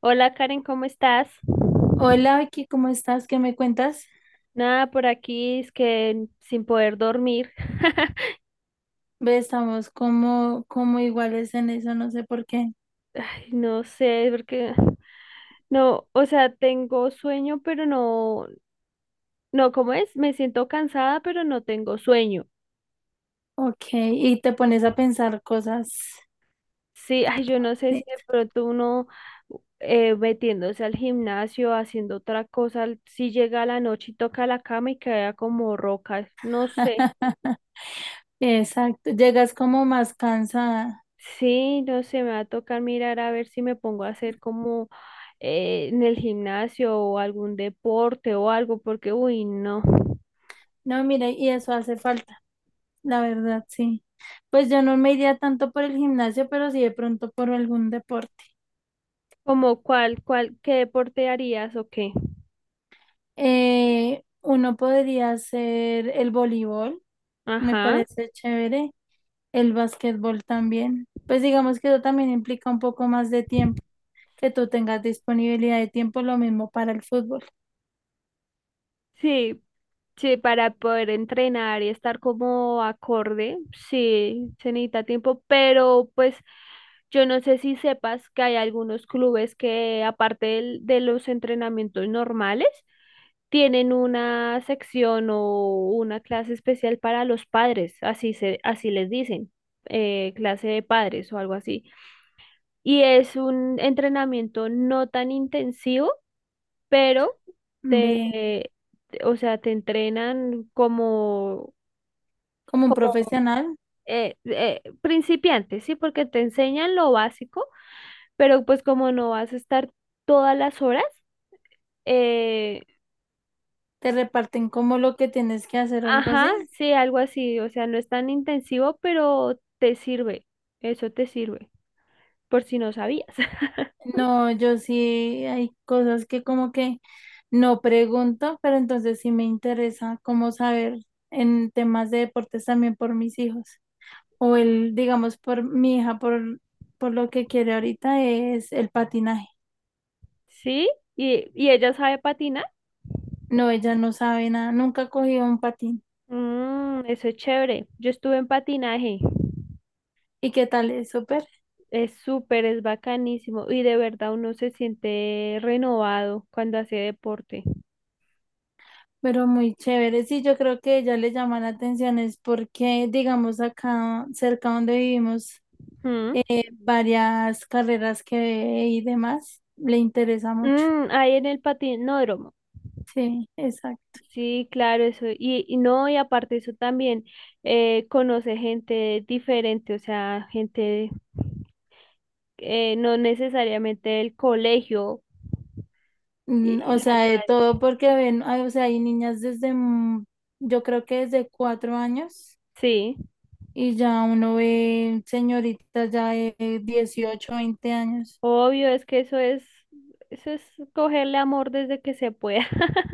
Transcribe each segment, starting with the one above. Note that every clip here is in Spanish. Hola Karen, ¿cómo estás? Hola Vicky, ¿cómo estás? ¿Qué me cuentas? Nada, por aquí es que sin poder dormir. Ve, estamos como, como iguales en eso, no sé por qué. Ay, no sé, porque no, o sea, tengo sueño, pero no, no, ¿cómo es? Me siento cansada, pero no tengo sueño. Ok, y te pones a pensar cosas. Sí, ay, yo no sé Sí. si de pronto uno metiéndose al gimnasio, haciendo otra cosa, si llega a la noche y toca la cama y queda como roca, no sé. Exacto, llegas como más cansada. Sí, no sé, me va a tocar mirar a ver si me pongo a hacer como en el gimnasio o algún deporte o algo, porque uy, no. No, mira, y eso hace falta, la verdad, sí. Pues yo no me iría tanto por el gimnasio, pero sí de pronto por algún deporte. Como cuál, cuál, ¿qué deporte harías o qué? Uno podría hacer el voleibol, me Ajá. parece chévere. El básquetbol también. Pues digamos que eso también implica un poco más de tiempo, que tú tengas disponibilidad de tiempo, lo mismo para el fútbol. Sí, sí, para poder entrenar y estar como acorde, sí, se necesita tiempo, pero pues yo no sé si sepas que hay algunos clubes que de los entrenamientos normales, tienen una sección o una clase especial para los padres, así se, así les dicen, clase de padres o algo así. Y es un entrenamiento no tan intensivo, pero te, Ve, o sea, te entrenan como, como un como profesional, principiante, ¿sí? Porque te enseñan lo básico, pero pues como no vas a estar todas las horas, eh, te reparten como lo que tienes que hacer o algo ajá, así. sí, algo así, o sea, no es tan intensivo, pero te sirve, eso te sirve, por si no sabías. No, yo sí hay cosas que como que no pregunto, pero entonces sí me interesa como saber en temas de deportes también por mis hijos. O el, digamos, por mi hija, por lo que quiere ahorita es el patinaje. ¿Sí? Y ella sabe patinar? No, ella no sabe nada, nunca ha cogido un patín. Mm, eso es chévere, yo estuve en patinaje. ¿Y qué tal? Es súper, Es súper, es bacanísimo y de verdad uno se siente renovado cuando hace deporte. pero muy chévere. Sí, yo creo que ella le llama la atención, es porque, digamos, acá cerca donde vivimos, ¿Mm? Varias carreras que ve y demás, le interesa mucho. Mm, ahí en el patinódromo. Sí, exacto. Sí, claro, eso. Y no, y aparte eso también conoce gente diferente, o sea, gente no necesariamente del colegio. Mm, Y o la sea, de ayuda, todo porque ven, ay, o sea, hay niñas desde, yo creo que desde 4 años, sí, y ya uno ve señoritas ya de 18, 20 años. obvio, es que eso es cogerle amor desde que se pueda.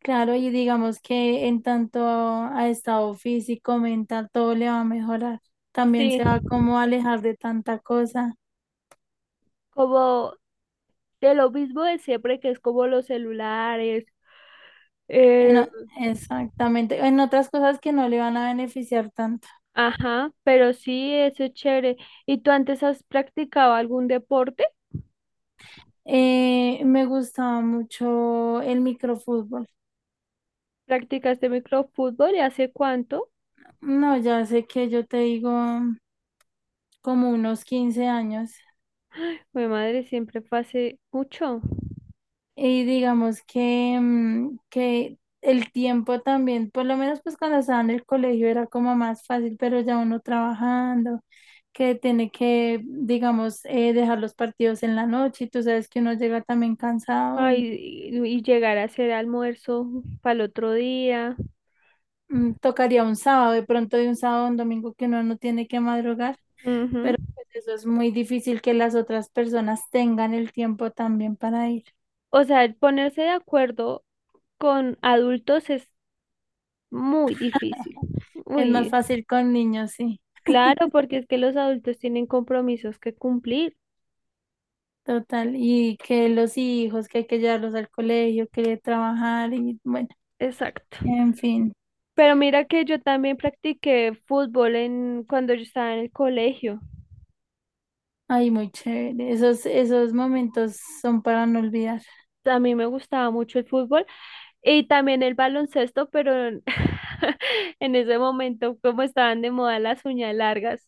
Claro, y digamos que en tanto a estado físico, mental, todo le va a mejorar. También Sí, se va como a alejar de tanta cosa. como de lo mismo de siempre, que es como los celulares. En Eh, o- Exactamente. En otras cosas que no le van a beneficiar tanto. ajá, pero sí, eso es chévere. ¿Y tú antes has practicado algún deporte? Me gustaba mucho el microfútbol. ¿Practicaste microfútbol y hace cuánto? No, ya sé que yo te digo como unos 15 años. Mi madre siempre fue hace mucho. Y digamos que, que el tiempo también, por lo menos pues cuando estaba en el colegio era como más fácil, pero ya uno trabajando que tiene que, digamos, dejar los partidos en la noche y tú sabes que uno llega también cansado y Ay, y llegar a hacer almuerzo para el otro día. Tocaría un sábado, de pronto de un sábado a un domingo que uno no tiene que madrugar, Ujú. pero pues, eso es muy difícil que las otras personas tengan el tiempo también para ir. O sea, el ponerse de acuerdo con adultos es muy difícil. Es más Uy, fácil con niños, sí, claro, porque es que los adultos tienen compromisos que cumplir. total, y que los hijos, que hay que llevarlos al colegio, que trabajar y bueno, Exacto. en fin. Pero mira que yo también practiqué fútbol en, cuando yo estaba en el colegio. Ay, muy chévere. Esos, esos momentos son para no olvidar. A mí me gustaba mucho el fútbol y también el baloncesto, pero en en ese momento, como estaban de moda las uñas largas,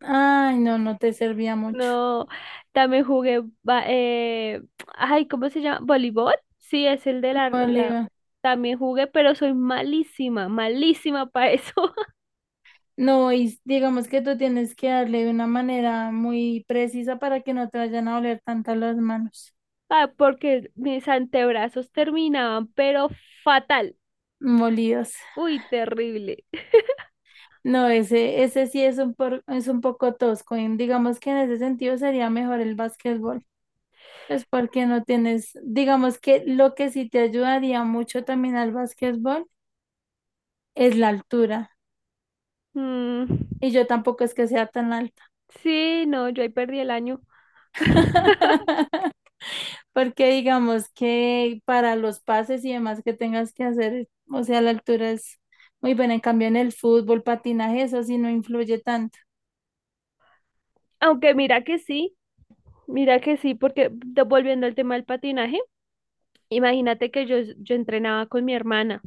Ay, no, no te servía mucho. no, también jugué, ay, ¿cómo se llama? ¿Voleibol? Sí, es el de la, Bolívar. también jugué, pero soy malísima, malísima para eso. No, y digamos que tú tienes que darle de una manera muy precisa para que no te vayan a oler tanto las manos Ah, porque mis antebrazos terminaban, pero fatal, molidas. uy, terrible. No, ese sí es un, es un poco tosco. Y digamos que en ese sentido sería mejor el básquetbol. Pues porque no tienes, digamos que lo que sí te ayudaría mucho también al básquetbol es la altura. Mm, Y yo tampoco es que sea tan alta. sí, no, yo ahí perdí el año. Porque digamos que para los pases y demás que tengas que hacer, o sea, la altura es muy buena. En cambio, en el fútbol, patinaje, eso sí no influye tanto. Aunque mira que sí, porque volviendo al tema del patinaje, imagínate que yo entrenaba con mi hermana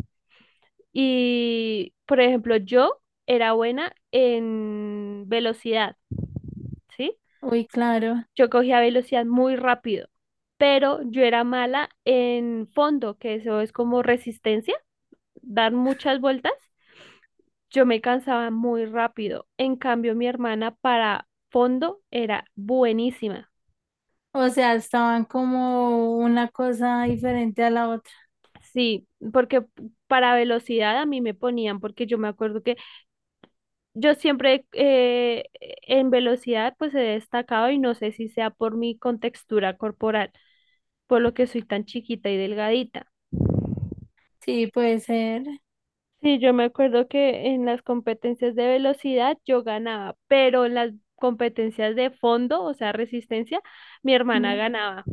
y, por ejemplo, yo era buena en velocidad, ¿sí? Uy, claro. Yo cogía velocidad muy rápido, pero yo era mala en fondo, que eso es como resistencia. Dar muchas vueltas, yo me cansaba muy rápido. En cambio, mi hermana para fondo era buenísima. O sea, estaban como una cosa diferente a la otra. Sí, porque para velocidad a mí me ponían, porque yo me acuerdo que yo siempre en velocidad pues he destacado y no sé si sea por mi contextura corporal, por lo que soy tan chiquita y delgadita. Sí, puede ser. Sí, yo me acuerdo que en las competencias de velocidad yo ganaba, pero en las competencias de fondo, o sea, resistencia, mi hermana Mm. ganaba.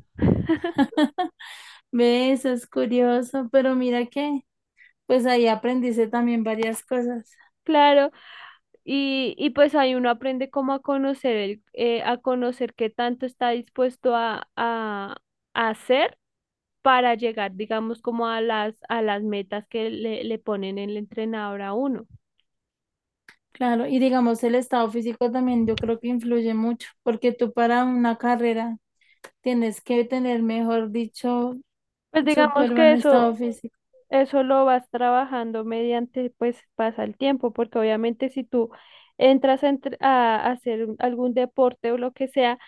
Ve, eso es curioso, pero mira que pues ahí aprendiste también varias cosas. Claro, y pues ahí uno aprende cómo a conocer el, a conocer qué tanto está dispuesto a hacer para llegar, digamos, como a las metas que le ponen el entrenador a uno. Claro, y digamos el estado físico también yo creo que influye mucho, porque tú para una carrera tienes que tener, mejor dicho, Pues digamos súper que buen eso, estado físico. eso lo vas trabajando mediante, pues pasa el tiempo, porque obviamente si tú a hacer algún deporte o lo que sea,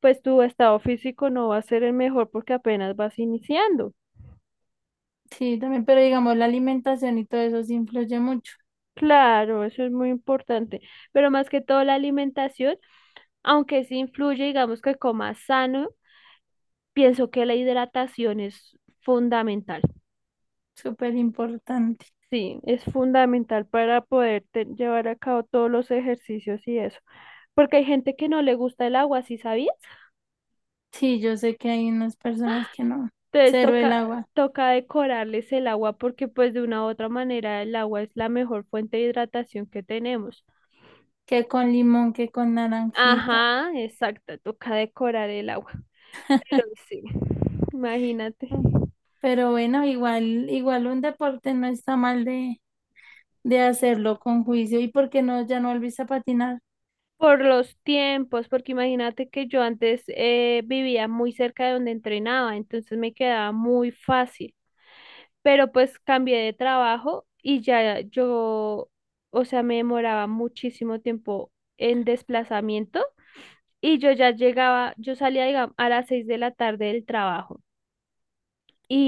pues tu estado físico no va a ser el mejor porque apenas vas iniciando. Sí, también, pero digamos, la alimentación y todo eso sí influye mucho, Claro, eso es muy importante, pero más que todo la alimentación, aunque sí influye, digamos que comas sano, pienso que la hidratación es fundamental. súper importante. Sí, es fundamental para poder llevar a cabo todos los ejercicios y eso. Porque hay gente que no le gusta el agua, ¿sí sabías? Sí, yo sé que hay unas personas que no, Entonces cero el toca, agua, toca decorarles el agua porque pues de una u otra manera el agua es la mejor fuente de hidratación que tenemos. que con limón, que con naranjita, Ajá, exacto, toca decorar el agua. Pero sí, imagínate. ¿no? Pero bueno, igual, igual un deporte no está mal de hacerlo con juicio. ¿Y por qué no, ya no volviste a patinar? Por los tiempos, porque imagínate que yo antes vivía muy cerca de donde entrenaba, entonces me quedaba muy fácil. Pero pues cambié de trabajo y ya yo, o sea, me demoraba muchísimo tiempo en desplazamiento y yo ya llegaba, yo salía, digamos, a las 6 de la tarde del trabajo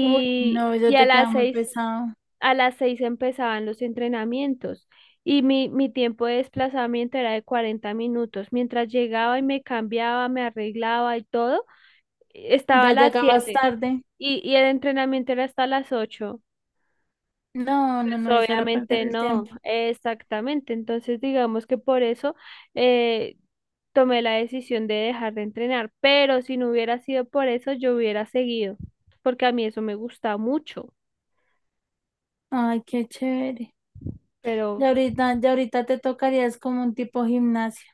Uy, no, ya y te quedaba muy pesado, a las seis empezaban los entrenamientos y mi tiempo de desplazamiento era de 40 minutos. Mientras llegaba y me cambiaba, me arreglaba y todo, estaba a ya las llegabas 7 tarde. Y el entrenamiento era hasta las 8. No, no, Pues no, eso era perder obviamente el no, tiempo. exactamente. Entonces digamos que por eso eh, tomé la decisión de dejar de entrenar, pero si no hubiera sido por eso, yo hubiera seguido, porque a mí eso me gusta mucho, Ay, qué chévere. pero Ya ahorita te tocaría, es como un tipo gimnasia.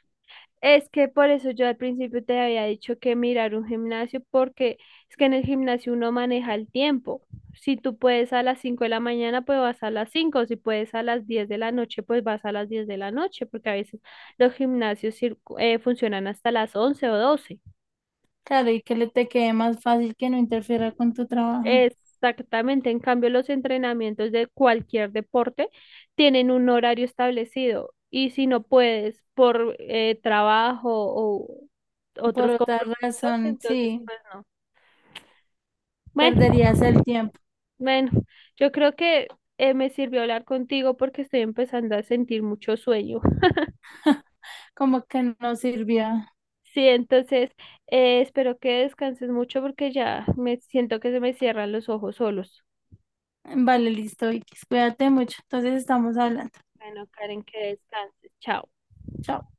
Es que por eso yo al principio te había dicho que mirar un gimnasio, porque es que en el gimnasio uno maneja el tiempo. Si tú puedes a las 5 de la mañana, pues vas a las cinco. Si puedes a las 10 de la noche, pues vas a las 10 de la noche, porque a veces los gimnasios funcionan hasta las 11 o 12. Claro, y que le te quede más fácil que no interfiera con tu trabajo. Exactamente, en cambio los entrenamientos de cualquier deporte tienen un horario establecido y si no puedes por trabajo o Por otros otra compromisos, razón, entonces sí, pues no. Bueno, perderías el tiempo. bueno, yo creo que me sirvió hablar contigo porque estoy empezando a sentir mucho sueño. Como que no sirvió. Sí, entonces espero que descanses mucho porque ya me siento que se me cierran los ojos solos. Vale, listo, Vicky. Cuídate mucho. Entonces estamos hablando. Bueno, Karen, que descanses. Chao. Chao.